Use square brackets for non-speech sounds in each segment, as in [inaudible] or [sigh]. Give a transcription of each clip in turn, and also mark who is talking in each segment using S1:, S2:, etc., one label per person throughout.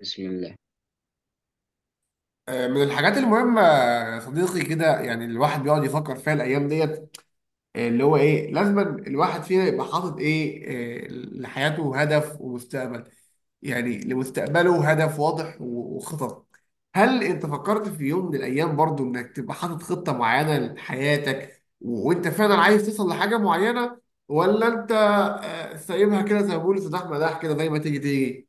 S1: بسم الله.
S2: من الحاجات المهمة يا صديقي كده، يعني الواحد بيقعد يفكر فيها الأيام ديت. اللي هو إيه، لازم الواحد فينا يبقى حاطط إيه لحياته هدف ومستقبل، يعني لمستقبله هدف واضح و- وخطط. هل أنت فكرت في يوم من الأيام برضو إنك تبقى حاطط خطة معينة لحياتك و- وأنت فعلا عايز توصل لحاجة معينة، ولا أنت سايبها كده زي ما بيقولوا سداح مداح كده زي ما تيجي تيجي؟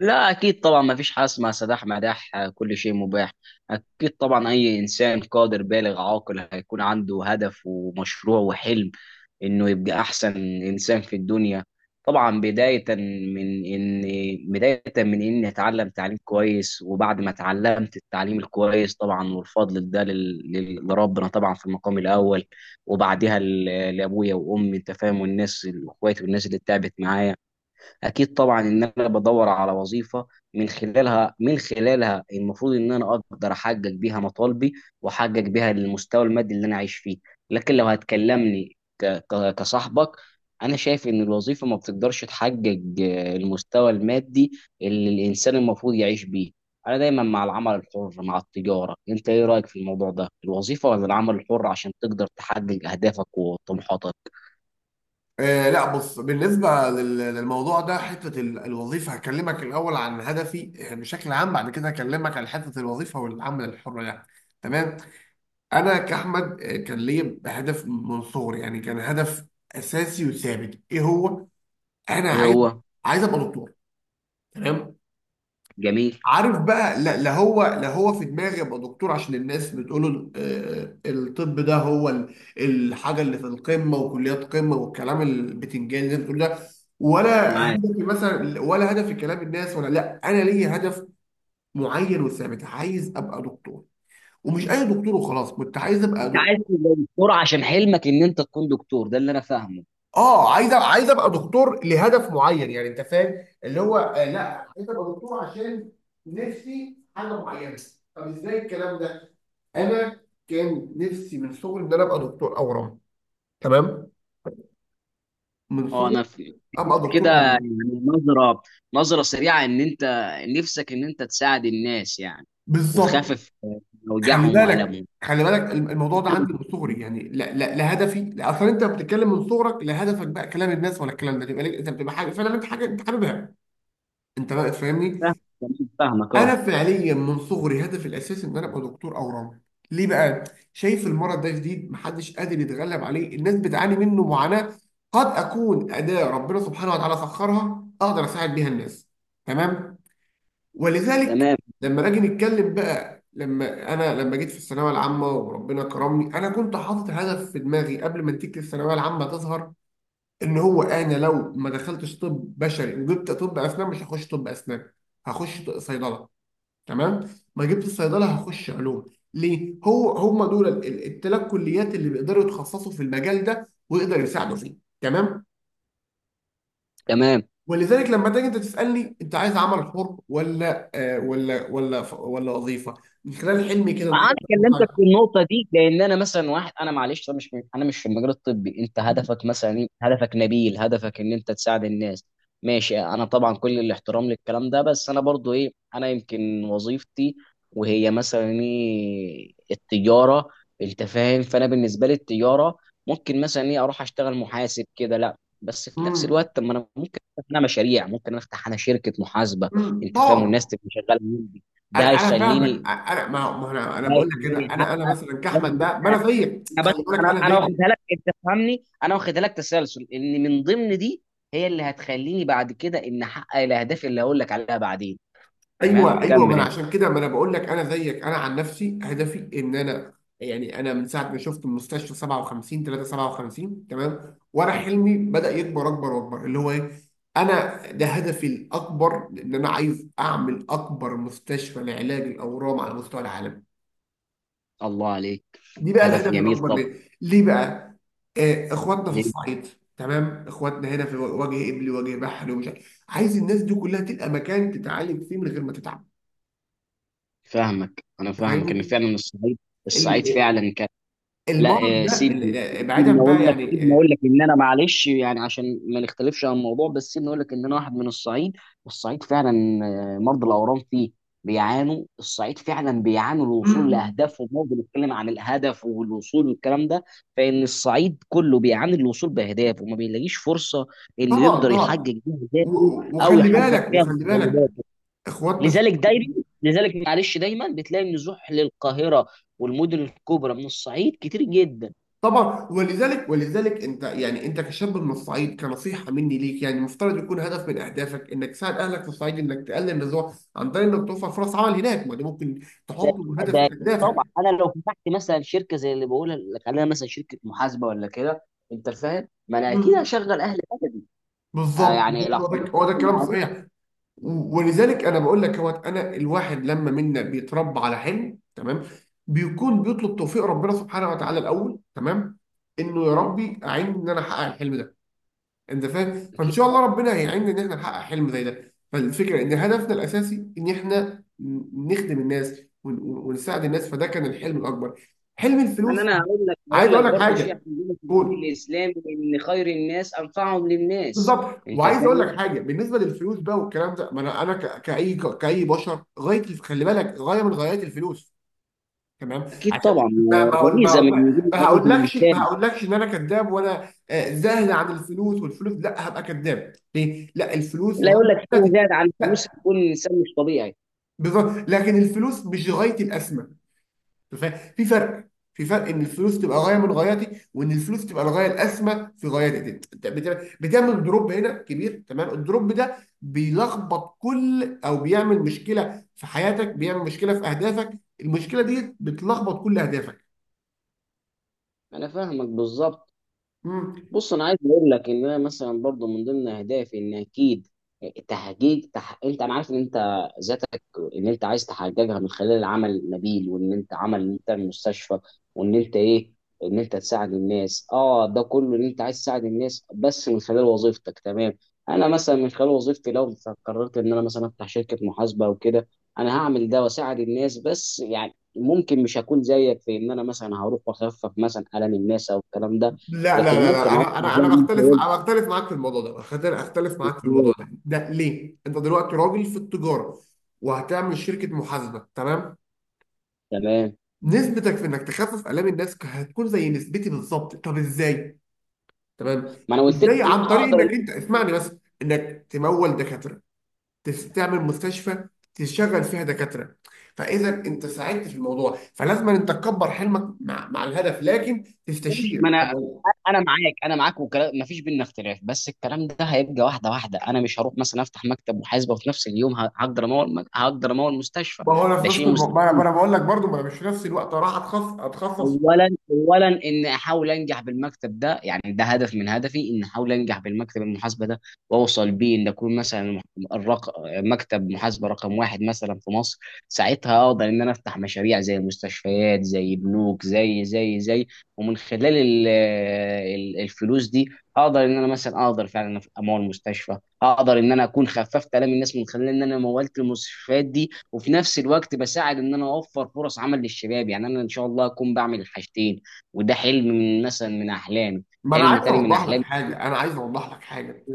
S1: لا، أكيد طبعا، ما فيش حاجة اسمها سداح مداح، كل شيء مباح. أكيد طبعا أي إنسان قادر بالغ عاقل هيكون عنده هدف ومشروع وحلم إنه يبقى أحسن إنسان في الدنيا. طبعا بداية من إني أتعلم تعليم كويس، وبعد ما اتعلمت التعليم الكويس طبعا، والفضل ده لربنا طبعا في المقام الأول، وبعدها لأبويا وأمي، أنت فاهم، والناس إخواتي والناس اللي تعبت معايا. اكيد طبعا ان انا بدور على وظيفه من خلالها المفروض ان انا اقدر احقق بيها مطالبي واحقق بيها المستوى المادي اللي انا عايش فيه. لكن لو هتكلمني كصاحبك، انا شايف ان الوظيفه ما بتقدرش تحقق المستوى المادي اللي الانسان المفروض يعيش بيه. انا دايما مع العمل الحر، مع التجاره. انت ايه رايك في الموضوع ده؟ الوظيفه ولا العمل الحر عشان تقدر تحقق اهدافك وطموحاتك؟
S2: لا بص، بالنسبة لل- للموضوع ده، حتة ال- الوظيفة، هكلمك الأول عن هدفي بشكل عام، بعد كده هكلمك عن حتة الوظيفة والعمل الحر، يعني تمام. أنا كأحمد كان ليا هدف من صغري، يعني كان هدف أساسي وثابت. إيه هو؟ أنا
S1: ايه
S2: عايز
S1: هو؟
S2: عايز أبقى دكتور. تمام.
S1: جميل.
S2: عارف بقى، لا لا، لا هو في دماغي ابقى دكتور عشان الناس بتقول الطب ده هو ال- الحاجه اللي في القمه وكليات قمه والكلام البتنجان اللي انت بتقول ده ولا
S1: معاك.
S2: هدفي، مثلا ولا هدفي كلام الناس، ولا. لا، انا ليا هدف معين وثابت، عايز ابقى دكتور. ومش اي دكتور وخلاص، كنت عايز ابقى
S1: انت عايز
S2: دكتور.
S1: تبقى دكتور عشان حلمك ان انت تكون دكتور، ده اللي انا فاهمه.
S2: اه، عايز عايز ابقى دكتور لهدف معين، يعني انت فاهم اللي هو لا، عايز ابقى دكتور عشان نفسي حاجه معينه. طب ازاي الكلام ده؟ انا كان نفسي من صغري ان انا ابقى دكتور اورام. تمام. من
S1: اه.
S2: صغري ابقى دكتور
S1: كده
S2: اورام.
S1: يعني، نظره نظره سريعه ان انت نفسك ان انت تساعد الناس يعني،
S2: بالظبط.
S1: وتخفف
S2: خلي
S1: اوجاعهم
S2: بالك،
S1: والامهم.
S2: خلي بالك، الم- الموضوع ده
S1: أنا
S2: عندي من صغري، يعني لا لا لا، هدفي لا اصلا، انت بتتكلم من صغرك لا هدفك بقى كلام الناس ولا الكلام ده، تبقى انت بتبقى حاجه فعلا، انت حاجه انت حاببها. انت بقى تفهمني.
S1: فاهم- [laughs] فاهمك،
S2: انا
S1: اه.
S2: فعليا من صغري هدفي الاساسي ان انا ابقى دكتور اورام. ليه بقى؟ شايف المرض ده جديد، محدش قادر يتغلب عليه، الناس بتعاني منه معاناة، قد اكون اداة ربنا سبحانه وتعالى سخرها اقدر اساعد بيها الناس. تمام. ولذلك
S1: تمام.
S2: لما نيجي نتكلم بقى، لما جيت في الثانويه العامه وربنا كرمني، انا كنت حاطط هدف في دماغي قبل ما نتيجه الثانويه العامه تظهر، ان هو انا لو ما دخلتش طب بشري وجبت طب اسنان، مش هخش طب اسنان، هخش صيدله. تمام. ما جبت الصيدله، هخش علوم. ليه؟ هو هم دول التلات كليات اللي بيقدروا يتخصصوا في المجال ده ويقدروا يساعدوا فيه. تمام.
S1: تمام.
S2: ولذلك لما تيجي انت تسالني انت عايز عمل حر ولا ولا وظيفه، من خلال حلمي كده
S1: انا كلمتك
S2: نفكر.
S1: في النقطه دي، لان انا مثلا واحد، انا معلش، انا مش في المجال الطبي. انت
S2: مم.
S1: هدفك مثلا إيه؟ هدفك نبيل، هدفك ان انت تساعد الناس. ماشي، انا طبعا كل الاحترام للكلام ده، بس انا برضو ايه، انا يمكن وظيفتي وهي مثلا ايه، التجاره. انت فاهم؟ فانا بالنسبه لي التجاره ممكن مثلا ايه، اروح اشتغل محاسب كده؟ لا. بس في نفس
S2: مم.
S1: الوقت، طب ما انا ممكن افتح انا مشاريع، ممكن افتح انا شركه محاسبه،
S2: مم.
S1: انت فاهم، والناس
S2: طبعا.
S1: تبقى شغاله عندي. ده
S2: انا فاهمك،
S1: هيخليني
S2: انا ما ما انا
S1: لا،
S2: بقول لك، كده
S1: يخليني
S2: انا
S1: حقك،
S2: مثلا
S1: ده
S2: كاحمد
S1: من
S2: ده ما
S1: ضمن.
S2: انا زيك،
S1: انا بس
S2: خلي بالك،
S1: انا
S2: انا
S1: انا
S2: زيك.
S1: واخدها لك، انت فاهمني، انا واخدها لك تسلسل ان من ضمن دي هي اللي هتخليني بعد كده ان احقق الاهداف اللي هقول لك عليها بعدين. تمام،
S2: ايوه ايوه، ما
S1: كمل
S2: انا
S1: انت.
S2: عشان كده ما انا بقول لك انا زيك، انا عن نفسي هدفي ان انا، يعني انا من ساعه ما شفت المستشفى 57 3 57، تمام، وانا حلمي بدا يكبر اكبر واكبر اللي هو ايه. انا ده هدفي الاكبر، ان انا عايز اعمل اكبر مستشفى لعلاج الاورام على مستوى العالم.
S1: الله عليك،
S2: دي بقى
S1: هدف
S2: الهدف
S1: جميل.
S2: الاكبر.
S1: طب
S2: ليه؟ بقى، آه، اخواتنا في
S1: ليه؟
S2: الصعيد. تمام، اخواتنا هنا في وجه قبلي، وجه بحري، ومش عارف. عايز الناس دي كلها تلقى مكان تتعالج فيه من غير ما تتعب.
S1: انا فاهمك ان
S2: فاهمني،
S1: فعلا الصعيد الصعيد فعلا.
S2: المرض
S1: لا،
S2: ده
S1: سيبني،
S2: بعيدا بقى،
S1: سيبني
S2: يعني
S1: اقول لك ان انا معلش يعني عشان ما نختلفش عن الموضوع، بس سيبني اقول لك ان انا واحد من الصعيد، والصعيد فعلا مرضى الاورام فيه بيعانوا. الصعيد فعلا بيعانوا
S2: م-
S1: الوصول
S2: م.
S1: لاهدافهم، برضه بنتكلم عن الهدف والوصول والكلام ده. فان الصعيد كله بيعاني الوصول باهدافه وما بيلاقيش فرصه انه
S2: طبعا
S1: يقدر يحقق
S2: طبعا.
S1: بيها اهدافه
S2: و-
S1: او
S2: وخلي
S1: يحقق
S2: بالك،
S1: فيها
S2: وخلي بالك،
S1: متطلباته.
S2: اخواتنا
S1: لذلك دايما لذلك معلش دايما بتلاقي النزوح للقاهره والمدن الكبرى من الصعيد كتير جدا.
S2: طبعا، ولذلك انت، يعني انت كشاب من الصعيد، كنصيحه مني ليك يعني، المفترض يكون هدف من اهدافك انك تساعد اهلك في الصعيد، انك تقلل النزوع عن طريق انك توفر فرص عمل هناك، ما ده ممكن
S1: ده
S2: تحطه هدف
S1: ده
S2: من
S1: أكيد طبعا.
S2: اهدافك.
S1: انا لو فتحت مثلا شركه زي اللي بقول، خلينا مثلا شركه محاسبه ولا كده، انت فاهم، ما انا اكيد
S2: مم.
S1: هشغل اهل بلدي.
S2: بالظبط
S1: يعني
S2: بالظبط،
S1: لو
S2: هو ده
S1: حضرتك
S2: هو ده الكلام
S1: المعروف.
S2: الصحيح. ولذلك انا بقول لك، هو انا الواحد لما منا بيتربى على حلم، تمام، بيكون بيطلب توفيق ربنا سبحانه وتعالى الاول، تمام، انه يا
S1: اكيد،
S2: ربي اعينني ان انا احقق الحلم ده. انت فاهم، فان
S1: اكيد،
S2: شاء الله ربنا هيعيننا ان احنا نحقق حلم زي ده. فالفكره ان هدفنا الاساسي ان احنا نخدم الناس ون- ون- ونساعد الناس. فده كان الحلم الاكبر، حلم
S1: يعني
S2: الفلوس.
S1: انا هقول لك،
S2: عايز اقول لك
S1: برضه شيء
S2: حاجه.
S1: عندنا في الدين
S2: قول.
S1: الاسلامي ان خير الناس انفعهم للناس،
S2: بالظبط،
S1: انت
S2: وعايز اقول
S1: فاهم.
S2: لك حاجه بالنسبه للفلوس بقى والكلام ده، ما انا كاي بشر، غايه، خلي بالك، غايه من غايات الفلوس. تمام.
S1: اكيد
S2: عشان
S1: طبعا
S2: ما ما اقول ما
S1: غريزه
S2: اقول،
S1: من وجود
S2: ما
S1: غريزه
S2: هقولكش ما
S1: الانسان.
S2: هقولكش ان انا كذاب وانا زاهد عن الفلوس والفلوس، لا، هبقى كذاب ليه؟ لا، الفلوس
S1: لا، يقول
S2: غايه.
S1: لك انا زاد عن فلوس؟
S2: لا،
S1: يكون الانسان مش طبيعي.
S2: بالظبط، لكن الفلوس مش غايه الاسمى. ف- في فرق في فرق ان الفلوس تبقى غايه من غاياتي وان الفلوس تبقى الغايه الاسمى في غاياتي. انت بت- بتعمل دروب هنا كبير، تمام. الدروب ده بيلخبط كل، او بيعمل مشكله في حياتك، بيعمل مشكله في اهدافك، المشكله دي بتلخبط كل اهدافك.
S1: انا فاهمك بالظبط.
S2: مم.
S1: بص، انا عايز اقول لك ان انا مثلا برضو من ضمن اهدافي ان اكيد تحقيق انت، انا عارف ان انت ذاتك ان انت عايز تحققها من خلال عمل نبيل، وان انت عمل، ان انت تعمل مستشفى، وان انت ايه، ان انت تساعد الناس. اه، ده كله ان انت عايز تساعد الناس، بس من خلال وظيفتك. تمام. انا مثلا من خلال وظيفتي، لو قررت ان انا مثلا افتح شركة محاسبة او كده، انا هعمل ده واساعد الناس، بس يعني ممكن مش هكون زيك في ان انا مثلا هروح واخفف مثلا الم الناس او الكلام ده.
S2: لا لا
S1: لكن
S2: لا لا،
S1: ممكن اقصد
S2: انا انا
S1: زي
S2: انا
S1: ما انت
S2: بختلف،
S1: قلت
S2: انا بختلف معاك في الموضوع ده أختلف معاك في
S1: كده.
S2: الموضوع ده. ليه انت دلوقتي راجل في التجاره وهتعمل شركه محاسبه، تمام،
S1: تمام.
S2: نسبتك في انك تخفف الام الناس هتكون زي نسبتي بالظبط. طب ازاي؟ تمام.
S1: ما انا قلت لك
S2: ازاي؟
S1: ان
S2: عن
S1: انا
S2: طريق
S1: هقدر ان
S2: انك انت، اسمعني بس، انك تمول دكاتره، تعمل مستشفى، تشغل فيها دكاتره، فاذا انت ساعدت في الموضوع، فلازم انت تكبر حلمك مع الهدف، لكن
S1: أنا أمشي.
S2: تستشير.
S1: ما
S2: طب
S1: انا انا معاك، انا معاك وكلام ما فيش بينا اختلاف. بس الكلام ده هيبقى واحده واحده، انا مش هروح مثلا افتح مكتب محاسبه وفي نفس اليوم هقدر امول، هقدر امول مستشفى.
S2: ما هو انا في
S1: ده
S2: نفس
S1: شيء
S2: الموضوع، ما انا ما
S1: مستحيل.
S2: أنا بقول لك برضو ما انا مش في نفس الوقت راح اتخصص.
S1: اولا ان احاول انجح بالمكتب ده، يعني ده هدف من هدفي ان احاول انجح بالمكتب المحاسبه ده، واوصل بيه ان اكون مثلا مكتب محاسبه رقم واحد مثلا في مصر. ساعتها اقدر ان انا افتح مشاريع زي مستشفيات، زي بنوك، زي. ومن خلال الفلوس دي اقدر ان انا مثلا اقدر فعلا امول مستشفى، اقدر ان انا اكون خففت الام الناس من خلال ان انا مولت المستشفيات دي، وفي نفس الوقت بساعد ان انا اوفر فرص عمل للشباب. يعني انا ان شاء الله اكون بعمل الحاجتين، وده حلم من مثلا من احلامي.
S2: ما انا
S1: حلم
S2: عايز
S1: تاني من
S2: اوضح لك
S1: احلامي.
S2: حاجه،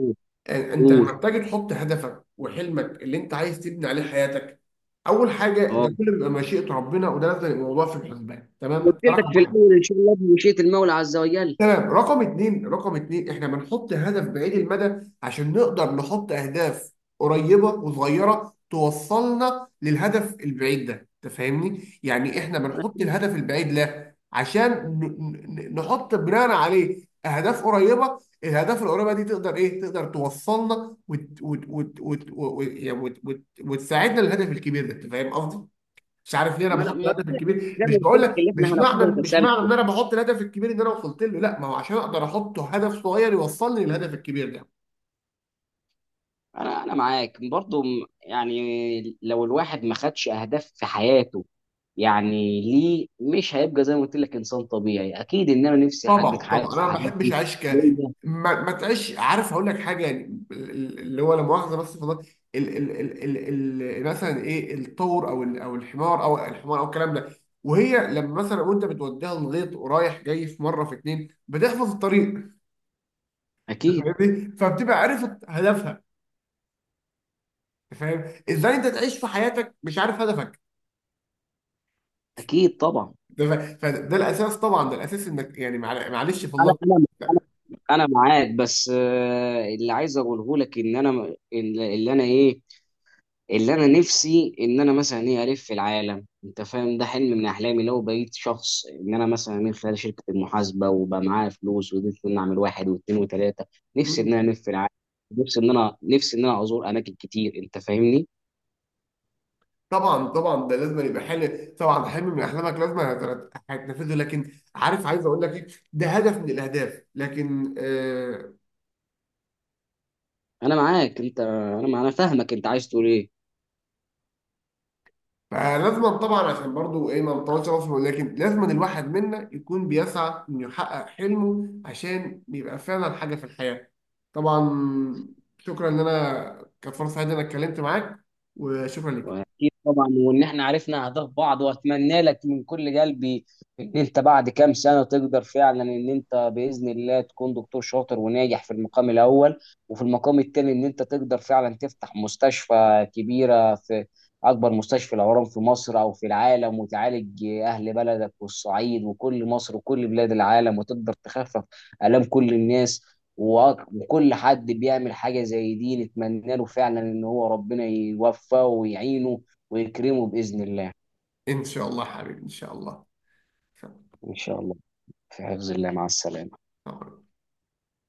S2: انت لما
S1: قول.
S2: بتيجي تحط هدفك وحلمك اللي انت عايز تبني عليه حياتك، اول حاجه
S1: اه.
S2: ده كله بيبقى مشيئه ربنا، وده لازم يبقى موضوع في الحسبان. تمام.
S1: قلت
S2: ده
S1: لك
S2: رقم
S1: في
S2: واحد.
S1: الاول ان شاء الله بمشيئه المولى عز وجل.
S2: تمام. رقم اتنين، احنا بنحط هدف بعيد المدى عشان نقدر نحط اهداف قريبة وصغيرة توصلنا للهدف البعيد ده، تفهمني؟ يعني احنا بنحط
S1: انا
S2: الهدف البعيد له عشان نحط بناء عليه اهداف قريبة، الاهداف القريبة دي تقدر ايه، تقدر توصلنا وت... وت... وت... وت... وت... وت... وت... وت... وتساعدنا للهدف الكبير ده، انت فاهم قصدي؟ مش عارف ليه انا
S1: ما انا
S2: بحط
S1: ما-
S2: الهدف الكبير،
S1: زي
S2: مش
S1: ما قلت
S2: بقول
S1: لك
S2: لك،
S1: اللي احنا
S2: مش معنى
S1: هناخدها
S2: مش معنى
S1: تسلسل.
S2: ان انا بحط الهدف الكبير ان انا وصلت له لا، ما هو عشان اقدر احط هدف صغير يوصلني للهدف الكبير ده.
S1: انا معاك برضو يعني لو الواحد ما خدش اهداف في حياته، يعني ليه، مش هيبقى زي ما قلت لك انسان طبيعي. اكيد ان انا نفسي
S2: طبعا
S1: احقق
S2: طبعا،
S1: حاجات في
S2: انا ما بحبش
S1: حياتي
S2: اعيش ك،
S1: ليا.
S2: ما تعيش. عارف هقول لك حاجه يعني اللي هو، لا مؤاخذه، بس في النقطة ال ال ال ال ال مثلا، ايه، الطور او او الحمار، او الكلام ده، وهي لما مثلا وانت بتوديها الغيط ورايح جاي في مره في اتنين بتحفظ الطريق،
S1: اكيد،
S2: فاهمني، فبتبقى عارف هدفها. فاهم، ازاي انت تعيش في حياتك مش عارف هدفك؟
S1: اكيد طبعا.
S2: ده ف- فده الاساس، طبعا ده الاساس، انك يعني معلش في
S1: انا
S2: الله.
S1: انا
S2: لا.
S1: انا معاك، بس اللي عايز اقوله لك ان انا اللي اللي انا ايه اللي انا نفسي ان انا مثلا ايه، الف في العالم، انت فاهم. ده حلم من احلامي لو بقيت شخص ان انا مثلا من خلال شركه المحاسبه وبقى معايا فلوس وقدرت ان أنا اعمل واحد واثنين وثلاثه، نفسي
S2: مم.
S1: ان انا الف في العالم، نفسي ان انا ازور اماكن كتير، انت فاهمني.
S2: طبعا طبعا، ده لازم يبقى حلم، طبعا حلم من احلامك لازم هت- هتنفذه، لكن عارف عايز اقول لك ايه، ده هدف من الاهداف، لكن
S1: انا معاك، انت انا انا فاهمك. انت عايز تقول ايه؟
S2: فلازم طبعا، عشان برضو ايه، ما نطولش مصر، ولكن لازم الواحد منا يكون بيسعى انه يحقق حلمه عشان يبقى فعلا حاجه في الحياه. طبعا. شكرا، ان انا كانت فرصه سعيده ان انا اتكلمت معاك، وشكرا لك.
S1: واكيد طبعا، وان احنا عرفنا اهداف بعض، واتمنى لك من كل قلبي ان انت بعد كام سنه تقدر فعلا ان انت باذن الله تكون دكتور شاطر وناجح في المقام الاول، وفي المقام الثاني ان انت تقدر فعلا تفتح مستشفى كبيره في اكبر مستشفى الاورام في مصر او في العالم، وتعالج اهل بلدك والصعيد وكل مصر وكل بلاد العالم، وتقدر تخفف الام كل الناس. و- كل حد بيعمل حاجة زي دي نتمنى له فعلا ان هو ربنا يوفقه ويعينه ويكرمه بإذن الله.
S2: ان شاء الله حبيبي، ان شاء الله.
S1: ان شاء الله. في حفظ الله، مع السلامة.
S2: شكراً.